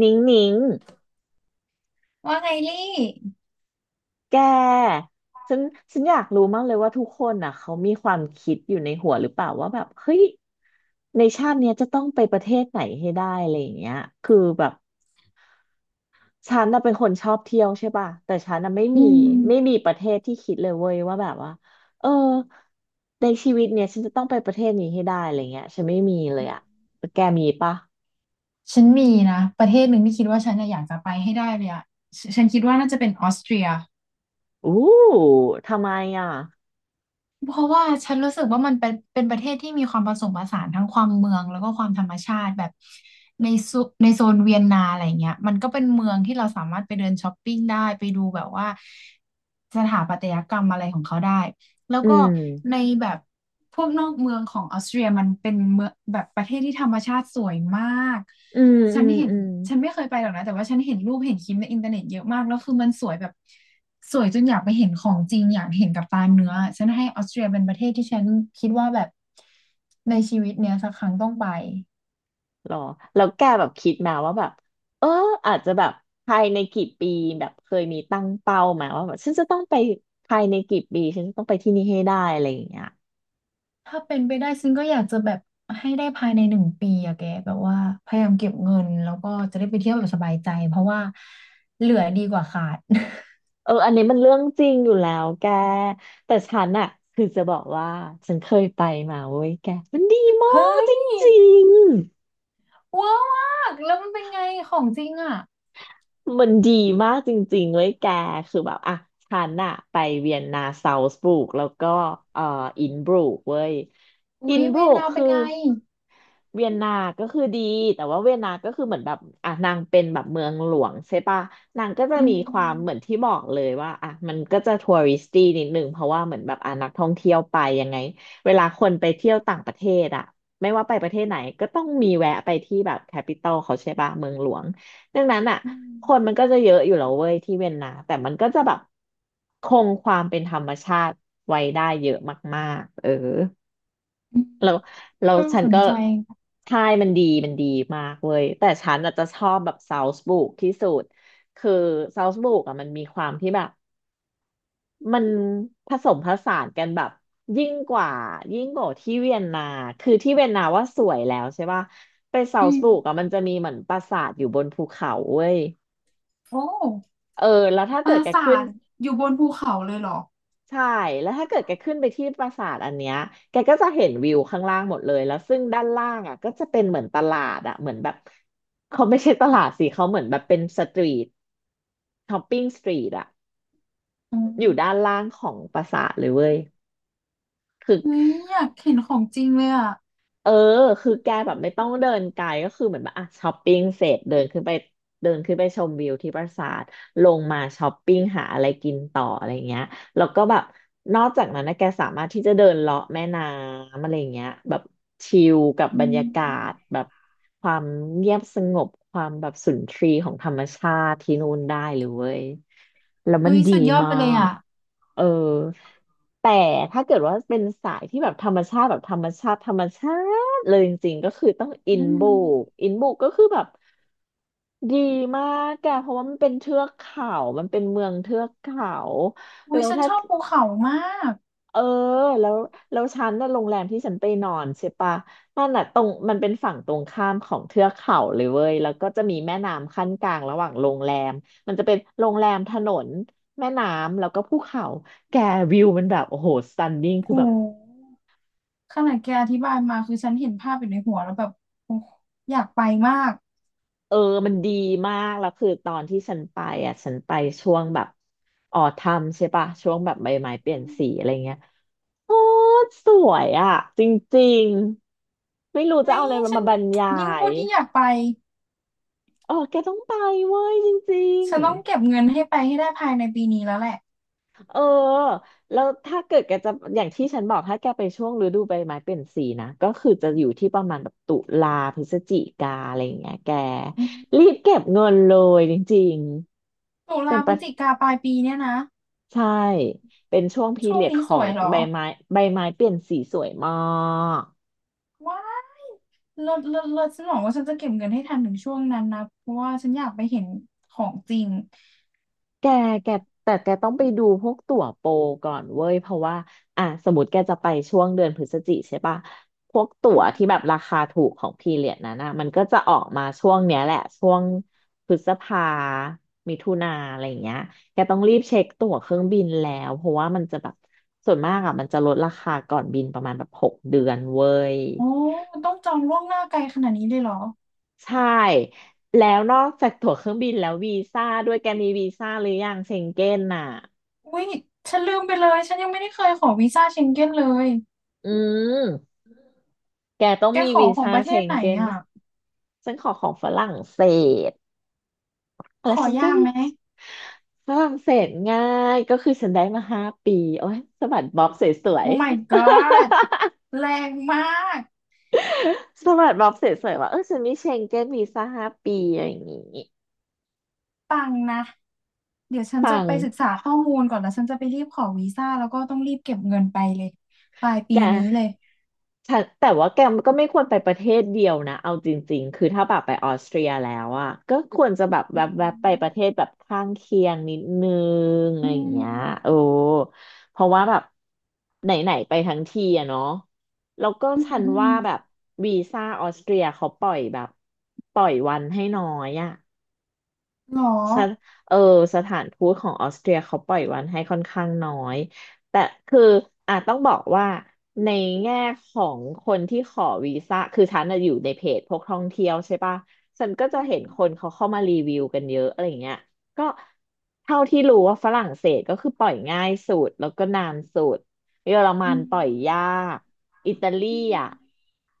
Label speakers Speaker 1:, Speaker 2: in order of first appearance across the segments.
Speaker 1: นิ้งนิ้ง
Speaker 2: ว่าไงลี่
Speaker 1: แกฉันฉันอยากรู้มากเลย ว่าทุกคนอ่ะเขามีความคิดอยู่ในหัวหรือเปล่าว่าแบบเฮ้ยในชาติเนี้ย จะต้องไปประเทศไหนให้ได้อะไรอย่างเงี้ยคือแบบฉันน่ะเป็นคนชอบเที่ยวใช่ป่ะแต่ฉันน่ะไม่
Speaker 2: อื
Speaker 1: มี
Speaker 2: ม
Speaker 1: ไม่มีประเทศที่คิดเลยเว้ยว่าแบบว่าเออในชีวิตเนี้ย ฉันจะต้องไปประเทศนี้ให้ได้อะไรเงี้ยฉันไม่มีเลยอ่ะแกมีป่ะ
Speaker 2: ฉันมีนะประเทศหนึ่งที่คิดว่าฉันน่ะอยากจะไปให้ได้เลยอะฉันคิดว่าน่าจะเป็นออสเตรีย
Speaker 1: อู้ทำไมอ่ะ
Speaker 2: เพราะว่าฉันรู้สึกว่ามันเป็นประเทศที่มีความผสมผสานทั้งความเมืองแล้วก็ความธรรมชาติแบบในโซนเวียนนาอะไรเงี้ยมันก็เป็นเมืองที่เราสามารถไปเดินช้อปปิ้งได้ไปดูแบบว่าสถาปัตยกรรมอะไรของเขาได้ แล้ว
Speaker 1: อื
Speaker 2: ก็ใน
Speaker 1: ม
Speaker 2: แบบพวกนอกเมืองของออสเตรียมันเป็นเมืองแบบประเทศที่ธรรมชาติสวยมาก
Speaker 1: อืม
Speaker 2: ฉั
Speaker 1: อื
Speaker 2: น
Speaker 1: ม
Speaker 2: เห็น
Speaker 1: อืม
Speaker 2: ฉันไม่เคยไปหรอกนะแต่ว่าฉันเห็นรูปเห็นคลิปในอินเทอร์เน็ตเยอะมากแล้วคือมันสวยแบบสวยจนอยากไปเห็นของจริงอยากเห็นกับตาเนื้อฉันให้ออสเตรียเป็นประเทศที่ฉันคิดว่าแบบในชีวิตเนี้ยสักครั้งต้องไป
Speaker 1: หรอแล้วแกแบบคิดมาว่าแบบเอออาจจะแบบภายในกี่ปีแบบเคยมีตั้งเป้ามาว่าแบบฉันจะต้องไปภายในกี่ปีฉันจะต้องไปที่นี่ให้ได้อะไรอย่างเงี้ย
Speaker 2: ถ้าเป็นไปได้ซึ่งก็อยากจะแบบให้ได้ภายใน1 ปีอะแกแบบว่าพยายามเก็บเงินแล้วก็จะได้ไปเที่ยวแบบสบายใจเพราะว่าเหลือดีกว่าขาด
Speaker 1: เอออันนี้มันเรื่องจริงอยู่แล้วแกแต่ฉันอะคือจะบอกว่าฉันเคยไปมาเว้ยแกมันดีมาก
Speaker 2: เฮ้
Speaker 1: จ
Speaker 2: ย
Speaker 1: ริง
Speaker 2: เวอร์มากแล้วมันเป็นไงของจริงอ่ะ
Speaker 1: มันดีมากจริงๆเว้ยแกคือแบบอะฉันอะไปเวียนนาซาวส์บุกแล้วก็เอ่ออินบรูกเว้ยอิ
Speaker 2: อุ๊
Speaker 1: น
Speaker 2: ย
Speaker 1: บ
Speaker 2: เวี
Speaker 1: รู
Speaker 2: ยน
Speaker 1: ก
Speaker 2: นาเป็
Speaker 1: คือ
Speaker 2: นไง
Speaker 1: เวียนนา ก็คือดี แต่ว่าเวียนนาก็คือเหมือนแบบอ่ะนางเป็นแบบเมืองหลวงใช่ปะนางก็จะ
Speaker 2: อื
Speaker 1: มี
Speaker 2: ม
Speaker 1: ค
Speaker 2: อื
Speaker 1: วา
Speaker 2: ม
Speaker 1: มเหมือนที่บอกเลยว่าอ่ะมันก็จะทัวริสตี้นิดนึงเพราะว่าเหมือนแบบอ่ะนักท่องเที่ยวไปยังไงเวลาคนไปเที่ยวต่างประเทศอ่ะไม่ว่าไปประเทศไหนก็ต้องมีแวะไปที่แบบแคปิตอลเขาใช่ปะเมืองหลวงดังนั้นอ่ะ
Speaker 2: อื
Speaker 1: คนมัน
Speaker 2: ม
Speaker 1: ก็จะเยอะอยู่แล้วเว้ยที่เวียนนาแต่มันก็จะแบบคงความเป็นธรรมชาติไว้ได้เยอะมากๆเออ
Speaker 2: อืม
Speaker 1: แล้วแล้ว
Speaker 2: น่า
Speaker 1: ฉัน
Speaker 2: สน
Speaker 1: ก็
Speaker 2: ใจ
Speaker 1: ใช่มันดีมากเว้ยแต่ฉันอาจจะชอบแบบซาวส์บุกที่สุดคือซาวส์บุกอ่ะมันมีความที่แบบมันผสมผสานกันแบบยิ่งกว่ายิ่งกว่าที่เวียนนาคือที่เวียนนาว่าสวยแล้วใช่ป่ะไปซา
Speaker 2: อื
Speaker 1: วส์บุกอ่ะ
Speaker 2: ม
Speaker 1: มันจะมีเหมือนปราสาทอยู่บนภูเขาเว้ย
Speaker 2: โอ้
Speaker 1: เออแล้วถ้า
Speaker 2: ป
Speaker 1: เกิ
Speaker 2: รา
Speaker 1: ดแก
Speaker 2: สา
Speaker 1: ขึ้น
Speaker 2: ทอยู่บนภูเขาเลยเหรอ
Speaker 1: ใช่แล้วถ้าเกิดแกขึ้นไปที่ปราสาทอันเนี้ยแกก็จะเห็นวิวข้างล่างหมดเลยแล้วซึ่งด้านล่างอ่ะก็จะเป็นเหมือนตลาดอ่ะเหมือนแบบเขาไม่ใช่ตลาดสิเขาเหมือนแบบเป็นสตรีทช้อปปิ้งสตรีทอ่ะ
Speaker 2: อื
Speaker 1: อยู่ด้าน
Speaker 2: ม
Speaker 1: ล่างของปราสาทเลยเว้ยคือ
Speaker 2: เฮ้ยอยากเห็นของจริงเลยอ่ะ
Speaker 1: เออคือแกแบบไม่ต้องเดินไกลก็คือเหมือนแบบอ่ะช้อปปิ้งเสร็จเดินขึ้นไปชมวิวที่ปราสาทลงมาช้อปปิ้งหาอะไรกินต่ออะไรเงี้ยแล้วก็แบบนอกจากนั้นนะแกสามารถที่จะเดินเลาะแม่น้ำอะไรเงี้ยแบบชิลกับ
Speaker 2: อื
Speaker 1: บรรยากา
Speaker 2: ม
Speaker 1: ศแบบความเงียบสงบความแบบสุนทรีย์ของธรรมชาติที่นู่นได้เลยเว้ยแล้วมัน
Speaker 2: เฮ้ย
Speaker 1: ดี
Speaker 2: สุดยอด
Speaker 1: มา
Speaker 2: ไปเลย
Speaker 1: ก
Speaker 2: อ่ะ
Speaker 1: เออแต่ถ้าเกิดว่าเป็นสายที่แบบธรรมชาติแบบธรรมชาติธรรมชา เลยจริงๆ ก็คือต้องอิ
Speaker 2: อื
Speaker 1: นบุ
Speaker 2: ม
Speaker 1: กอินบุกก็คือแบบดีมากอะเพราะว่ามันเป็นเทือกเขามันเป็นเมืองเทือกเขา
Speaker 2: อุ้
Speaker 1: แล้
Speaker 2: ย
Speaker 1: ว
Speaker 2: ฉัน
Speaker 1: ถ้า
Speaker 2: ชอบภูเขามาก
Speaker 1: เออแล้วแล้วฉันน่ะโรงแรมที่ฉันไปนอนใช่ปะนั่นน่ะตรงมันเป็นฝั่งตรงข้ามของเทือกเขาเลยเว้ยแล้วก็จะมีแม่น้ำขั้นกลางระหว่างโรงแรมมันจะเป็นโรงแรมถนนแม่น้ำแล้วก็ภูเขาแกวิวมันแบบโอ้โหสตันนิ่ง
Speaker 2: โ
Speaker 1: คือแบบ
Speaker 2: หขนาดแกอธิบายมาคือฉันเห็นภาพอยู่ในหัวแล้วแบบโอ้อยากไปมาก
Speaker 1: เออมันดีมากแล้วคือตอนที่ฉันไปอ่ะฉันไปช่วงแบบออทัมใช่ปะช่วงแบบใบไม้เปลี่ยนสีอะไรเงี้ยโอ้สวยอ่ะจริงๆไม่รู้จะ
Speaker 2: เฮ้ย
Speaker 1: เอาอะไรมา
Speaker 2: ฉั
Speaker 1: มา
Speaker 2: น
Speaker 1: บรรยา
Speaker 2: ยิ่งพู
Speaker 1: ย
Speaker 2: ดยิ่งอยากไป
Speaker 1: เออแกต้องไปเว้ยจริง
Speaker 2: ฉันต้อง
Speaker 1: ๆ
Speaker 2: เก็บเงินให้ไปให้ได้ภายในปีนี้แล้วแหละ
Speaker 1: เออแล้วถ้าเกิดแกจะอย่างที่ฉันบอกถ้าแกไปช่วงฤดูใบไม้เปลี่ยนสีนะก็คือจะอยู่ที่ประมาณแบบตุลาพฤศจิกาอะไรอย่างเงี้ยแก
Speaker 2: อืม
Speaker 1: รีบเก็บเงินเลยจริง
Speaker 2: ตุ
Speaker 1: ๆเป็
Speaker 2: ลา
Speaker 1: น
Speaker 2: พ
Speaker 1: ป
Speaker 2: ฤศ
Speaker 1: ระ
Speaker 2: จิกาปลายปีเนี่ยนะ
Speaker 1: ใช่ เป็นช่วงพี
Speaker 2: ช่วง
Speaker 1: เรียด
Speaker 2: นี้
Speaker 1: ข
Speaker 2: ส
Speaker 1: อง
Speaker 2: วยเหรอ
Speaker 1: ใบไม้ใบไม้เปลี่ยนสีสวยมาก
Speaker 2: ว้ายเลิศเลิศเลิศฉันบอกว่าฉันจะเก็บเงินให้ทันถึงช่วงนั้นนะเพราะว่าฉันอยากไปเห็นของจริง
Speaker 1: แกแกแต่แกต้องไปดูพวกตั๋วโปรก่อนเว้ยเพราะว่าอ่ะสมมติแกจะไปช่วงเดือนพฤศจิใช่ปะพวกตั๋
Speaker 2: อื
Speaker 1: ว
Speaker 2: ม
Speaker 1: ที่แบบราคาถูกของพีเรียดนั้นนะมันก็จะออกมาช่วงเนี้ยแหละช่วงพฤษภามิถุนาอะไรอย่างเงี้ยแกต้องรีบเช็คตั๋วเครื่องบินแล้วเพราะว่ามันจะแบบส่วนมากอ่ะมันจะลดราคาก่อนบินประมาณแบบ6 เดือนเว้ย
Speaker 2: โอ้ต้องจองล่วงหน้าไกลขนาดนี้เลยเหรอ
Speaker 1: ใช่แล้วนอกจากตั๋วเครื่องบินแล้ววีซ่าด้วยแกมีวีซ่าหรือยังเชงเก้นน่ะ
Speaker 2: อุ้ยฉันลืมไปเลยฉันยังไม่ได้เคยขอวีซ่าเชงเก้นเลย
Speaker 1: อืมแกต้อง
Speaker 2: แก
Speaker 1: มี
Speaker 2: ขอ
Speaker 1: วี
Speaker 2: ของ
Speaker 1: ซ่า
Speaker 2: ประเท
Speaker 1: เช
Speaker 2: ศ
Speaker 1: ง
Speaker 2: ไหน
Speaker 1: เก้น
Speaker 2: อ่ะ
Speaker 1: ฉันขอของฝรั่งเศส
Speaker 2: ข
Speaker 1: แล้ว
Speaker 2: อ
Speaker 1: ฉันก็
Speaker 2: ยากไหม
Speaker 1: ฝรั่งเศสง่ายก็คือฉันได้มาห้าปีโอ้ยสะบัดบ๊อบสวย
Speaker 2: โอ้ my god แรงมาก
Speaker 1: ๆ สะบัดบ๊อบสวยๆว่าเออฉันมีเชงเก้นวีซ่าห้าปีอะไรอย่างงี้
Speaker 2: ปังค์นะ เดี๋ยวฉันจะ
Speaker 1: ปัง
Speaker 2: ไปศึกษาข้อมูลก่อนแล้วฉันจะไปรีบขอวีซ่าแล้วก็ต้องรีบเก็บเงินไปเลยปลายปี
Speaker 1: แก
Speaker 2: นี้เลย
Speaker 1: แต่แต่ว่าแกก็ไม่ควรไปประเทศเดียวนะเอาจริงๆ คือถ้าแบบไปออสเตรียแล้วอ่ะก็ควรจะแบบแ
Speaker 2: อ
Speaker 1: วบๆไป
Speaker 2: ื
Speaker 1: ประเทศแบบข้างเคียงนิดนึงอะ
Speaker 2: อื
Speaker 1: ไรอย่างเงี้ย
Speaker 2: ม
Speaker 1: โอ้เพราะว่าแบบไหนๆไปทั้งทีอะเนาะแล้วก็
Speaker 2: อืม
Speaker 1: ฉัน
Speaker 2: อื
Speaker 1: ว่า
Speaker 2: ม
Speaker 1: แบบวีซ่าออสเตรียเขาปล่อยแบบปล่อยวันให้น้อยอะ
Speaker 2: หรอ
Speaker 1: สถเออสถานทูตของออสเตรียเขาปล่อยวันให้ค่อนข้างน้อย แต่คืออ่ะต้องบอกว่าในแง่ของคนที่ขอวีซ่าคือฉันน่ะอยู่ในเพจพวกท่องเที่ยวใช่ปะฉันก็
Speaker 2: อื
Speaker 1: จะเห็น
Speaker 2: ม
Speaker 1: คนเขาเข้ามารีวิวกันเยอะอะไรอย่างเงี้ยก็เท่าที่รู้ว่าฝรั่งเศสก็คือปล่อยง่ายสุดแล้วก็นานสุด เยอรมั
Speaker 2: อื
Speaker 1: น
Speaker 2: ม
Speaker 1: ปล่อยยาก อิตาลี
Speaker 2: อื
Speaker 1: อ่ะ
Speaker 2: ม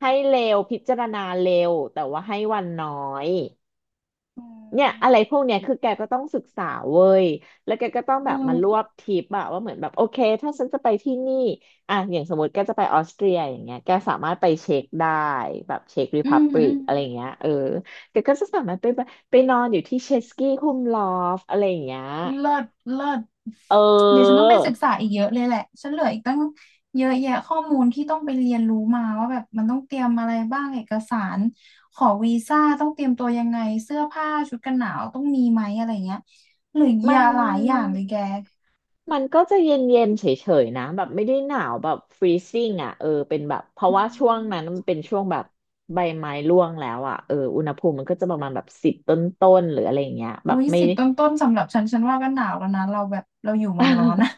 Speaker 1: ให้เร็วพิจารณาเร็วแต่ว่าให้วันน้อย เนี่ยอะไรพวกเนี้ยคือแกก็ต้องศึกษาเว้ยแล้วแกก็ต้องแบ
Speaker 2: อื
Speaker 1: บมารวบ
Speaker 2: ม
Speaker 1: ทริปอะว่าเหมือนแบบโอเคถ้าฉันจะไปที่นี่อะอย่างสมมติแกจะไปออสเตรียอย่างเงี้ยแกสามารถไปเช็คได้แบบเช็คร e
Speaker 2: อื
Speaker 1: พั
Speaker 2: ม
Speaker 1: บ
Speaker 2: อื
Speaker 1: l ิก
Speaker 2: ม
Speaker 1: อะไรเงี้ยเออแกก็จะสามารถไปแบบไปนอนอยู่ที่เชสกี้คุมลอฟอะไรอย่างเงี้ย
Speaker 2: เลิศเลิศ
Speaker 1: เ
Speaker 2: เดี๋ยวฉันต้
Speaker 1: ออ
Speaker 2: องไปศึกษาอีกเยอะเลยแหละฉันเหลืออีกตั้งเยอะแยะข้อมูลที่ต้องไปเรียนรู้มาว่าแบบมันต้องเตรียมอะไรบ้างเอกสารขอวีซ่าต้องเตรียมตัวยังไงเสื้อผ้าชุดกันหนาวต้องมีไหมอะไรเงี้ยเหลือเย
Speaker 1: มัน
Speaker 2: อะหลายอย่างเลยแก
Speaker 1: มันก็จะเย็นๆเฉยๆนะแบบไม่ได้หนาวแบบฟรีซิ่งอ่ะเออเป็นแบบเพราะ
Speaker 2: อื
Speaker 1: ว่าช่วงนั้นมั
Speaker 2: ม
Speaker 1: นเป็นช่วงแบบใบไม้ร่วงแล้วอ่ะเอออุณหภูมิมันก็จะประมาณแบบ10 ต้นๆหรืออะไรอย่างเงี้ยแบ
Speaker 2: อุ้
Speaker 1: บ
Speaker 2: ย
Speaker 1: ไม่
Speaker 2: 10ต้นๆสำหรับฉันฉันว่าก็หนาวแล้วนะเราแบบเราอยู่เมืองร้อนนะ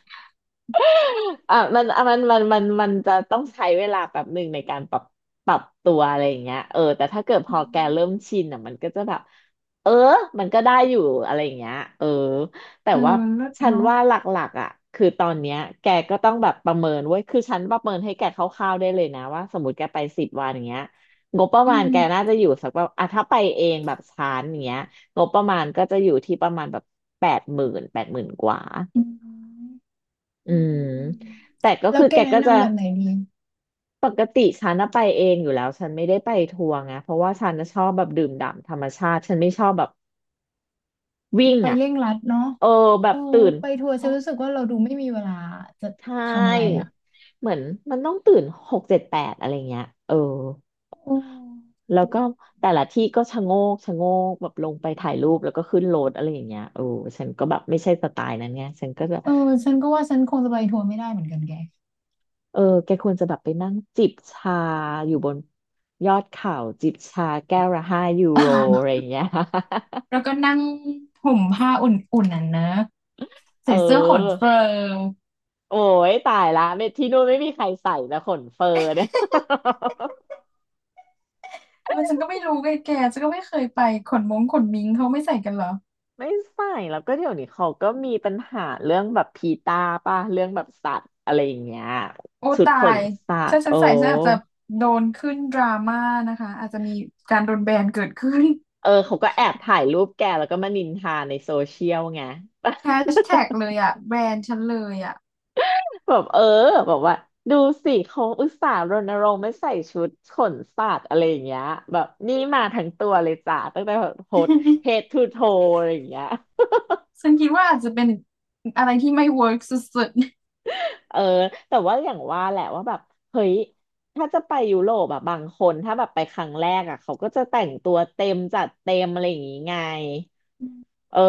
Speaker 1: อ่ะมันจะต้องใช้เวลาแบบหนึ่งในการปรับตัวอะไรอย่างเงี้ยเออแต่ถ้าเกิดพ
Speaker 2: อื
Speaker 1: อแกเริ่
Speaker 2: ม
Speaker 1: มชินอ่ะมันก็จะแบบเออมันก็ได้อยู่อะไรอย่างเงี้ยเออแต่
Speaker 2: เออ
Speaker 1: ว่า
Speaker 2: เลิศ
Speaker 1: ฉัน
Speaker 2: เนาะ
Speaker 1: ว่าหลักๆอ่ะคือตอนเนี้ยแกก็ต้องแบบประเมินเว้ยคือฉันประเมินให้แกคร่าวๆได้เลยนะว่าสมมติแกไปสิบวันอย่างเงี้ยงบประ
Speaker 2: อื
Speaker 1: มาณ
Speaker 2: ม
Speaker 1: แกน่าจะอยู่สักแบบอ่ะถ้าไปเองแบบชานอย่างเงี้ยงบประมาณก็จะอยู่ที่ประมาณแบบแปดหมื่นแปดหมื่นกว่า
Speaker 2: อืม
Speaker 1: อื
Speaker 2: อืม
Speaker 1: ม
Speaker 2: อืมอืม
Speaker 1: แต่ก็
Speaker 2: แล้ว
Speaker 1: คือ
Speaker 2: แก
Speaker 1: แก
Speaker 2: แนะ
Speaker 1: ก็จะ
Speaker 2: นำแบบไหนดี
Speaker 1: ปกติฉันน่ะไปเองอยู่แล้วฉันไม่ได้ไปทัวร์ไงเพราะว่าฉันน่ะชอบแบบดื่มด่ำธรรมชาติฉันไม่ชอบแบบวิ่ง
Speaker 2: ไป
Speaker 1: อ่ะ
Speaker 2: เร่งรัดเนาะ
Speaker 1: เออแบ
Speaker 2: เอ
Speaker 1: บ
Speaker 2: อ
Speaker 1: ตื่น
Speaker 2: ไปทัวร์
Speaker 1: ห
Speaker 2: ฉัน
Speaker 1: ก
Speaker 2: รู้สึกว่าเราดูไม่มีเวลาจะ
Speaker 1: ใช
Speaker 2: ทำอะไร
Speaker 1: ่
Speaker 2: อ่ะ
Speaker 1: เหมือนมันต้องตื่น6 7 8อะไรเงี้ยเออ
Speaker 2: โอ้
Speaker 1: แล้วก็แต่ละที่ก็ชะโงกชะโงกแบบลงไปถ่ายรูปแล้วก็ขึ้นรถอะไรอย่างเงี้ยเออฉันก็แบบไม่ใช่สไตล์นั้นไงฉันก็จะ
Speaker 2: เออฉันก็ว่าฉันคงจะไปทัวร์ไม่ได้เหมือนกันแก
Speaker 1: เออแกควรจะแบบไปนั่งจิบชาอยู่บนยอดเขาจิบชาแก้วละ5 ยูโรอะไรอ ย่างเงี้ย
Speaker 2: แล้วก็นั่งห่มผ้าอุ่นๆน่ะนะ
Speaker 1: เอ
Speaker 2: ใส่เสื้อขน
Speaker 1: อ
Speaker 2: เฟิร์ม
Speaker 1: โอ้ยตายละไม่ที่นู่นไม่มีใครใส่นะขนเฟอร์เนี่ย
Speaker 2: เออฉันก็ไม่รู้ไงแกฉันก็ไม่เคยไปขนมงขนมิงเขาไม่ใส่กันเหรอ
Speaker 1: ไม่ใส่แล้วก็เดี๋ยวนี้เขาก็มีปัญหาเรื่องแบบพีตาป่ะเรื่องแบบสัตว์อะไรอย่างเงี้ย
Speaker 2: โอ้
Speaker 1: ชุด
Speaker 2: ตา
Speaker 1: ขน
Speaker 2: ย
Speaker 1: สัต
Speaker 2: ถ้า
Speaker 1: ว์
Speaker 2: ฉั
Speaker 1: โอ้
Speaker 2: นใส่ฉันอาจจะโดนขึ้นดราม่านะคะอาจจะมีการโดนแบนเกิดขึ้น
Speaker 1: เออเขาก็แอบถ่ายรูปแกแล้วก็มานินทาในโซเชียลไง
Speaker 2: แฮชแท็กเลยอ่ะแบนฉันเลยอ่ะ
Speaker 1: แบบเออแบบว่าดูสิเขาอุตส่าห์รณรงค์ไม่ใส่ชุดขนสัตว์อะไรอย่างเงี้ยแบบนี่มาทั้งตัวเลยจ้ะตั้งแต่แบบโพสเฮดทูโทอะไรอย่างเงี้ย
Speaker 2: ฉันคิดว่าอาจจะเป็นอะไรที่ไม่ work สุด
Speaker 1: เออแต่ว่าอย่างว่าแหละว่าแบบเฮ้ยถ้าจะไปยุโรปอะบางคนถ้าแบบไปครั้งแรกอะเขาก็จะแต่งตัวเต็มจัดเต็มอะไรอย่างงี้ไง เออ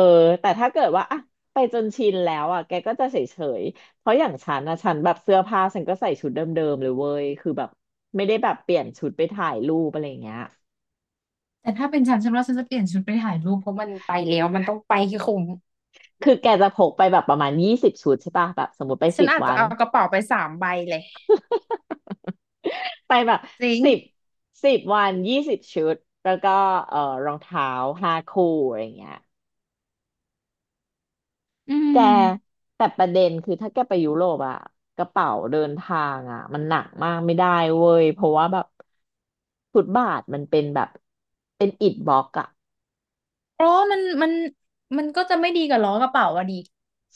Speaker 1: แต่ถ้าเกิดว่าอะไปจนชินแล้วอะแกก็จะเฉยๆเพราะอย่างฉันนะฉันแบบเสื้อผ้าฉันก็ใส่ชุดเดิมๆเลยเว้ยคือแบบไม่ได้แบบเปลี่ยนชุดไปถ่ายรูปอะไรอย่างเงี้ย
Speaker 2: ๆแต่ถ้าเป็นฉันฉันว่าฉันจะเปลี่ยนชุดไปถ่ายรูปเพราะมันไปแล้วมันต้องไปคือคุ้ม
Speaker 1: คือแกจะพกไปแบบประมาณยี่สิบชุดใช่ป่ะแบบสมมติไป
Speaker 2: ฉั
Speaker 1: สิ
Speaker 2: น
Speaker 1: บ
Speaker 2: อาจ
Speaker 1: วั
Speaker 2: จะ
Speaker 1: น
Speaker 2: เอากระเป๋าไป3 ใบเลย
Speaker 1: ไปแบบสิบสิบวันยี่สิบชุดแล้วก็เออรองเท้า5 คู่อะไรอย่างเงี้ย
Speaker 2: อื
Speaker 1: แก
Speaker 2: ม
Speaker 1: แต่ประเด็นคือถ้าแกไปยุโรปอะกระเป๋าเดินทางอะมันหนักมากไม่ได้เว้ยเพราะว่าแบบฟุตบาทมันเป็นแบบเป็นอิฐบล็อกอะ
Speaker 2: เพราะว่ามันมันก็จะไม่ดีกับล้อกระเป๋าอะด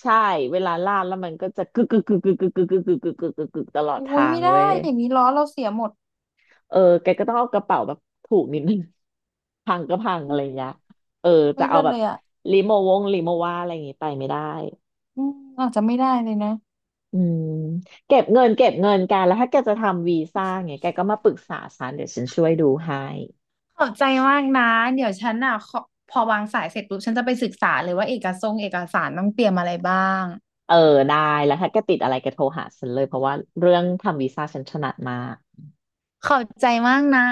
Speaker 1: ใช่เวลาลาดแล้วมันก็จะกึกกึกกึกกึกกึกกึกกึกกึกกึกกึกกึกกึกตลอด
Speaker 2: โอ้
Speaker 1: ทา
Speaker 2: ย
Speaker 1: ง
Speaker 2: ไม่ได้
Speaker 1: เว้ย
Speaker 2: อย่างนี้ล้อเราเสียหมด
Speaker 1: เออแกก็ต้องเอากระเป๋าแบบถูกนิดนึง พังก็พัง
Speaker 2: ไม
Speaker 1: อะไรอย่างเงี้ย
Speaker 2: ่
Speaker 1: เออจะ
Speaker 2: ไม่
Speaker 1: เอา
Speaker 2: เลิศ
Speaker 1: แบบ
Speaker 2: เลยอ่ะ
Speaker 1: ลิโมว่าอะไรอย่างงี้ไปไม่ได้
Speaker 2: อืมอาจจะไม่ได้เลยนะ
Speaker 1: อืมเก็บเงินกันแล้วถ้าแกจะทำวีซ่าไงแกก็มาปรึกษาฉันเดี๋ยวฉันช่วยดูให้
Speaker 2: ขอบใจมากนะเดี๋ยวฉันอ่ะขอพอวางสายเสร็จปุ๊บฉันจะไปศึกษาเลยว่าเอกสงค์เอกสารต้องเตรียมอะไรบ้าง
Speaker 1: เออได้แล้วถ้าแกติดอะไรแกโทรหาฉันเลยเพราะว่าเรื่องทำวีซ่าฉันถนัดมาก
Speaker 2: ขอบใจมากนะ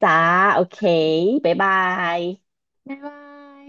Speaker 1: จ้าโอเคบ๊ายบาย
Speaker 2: บ๊ายบาย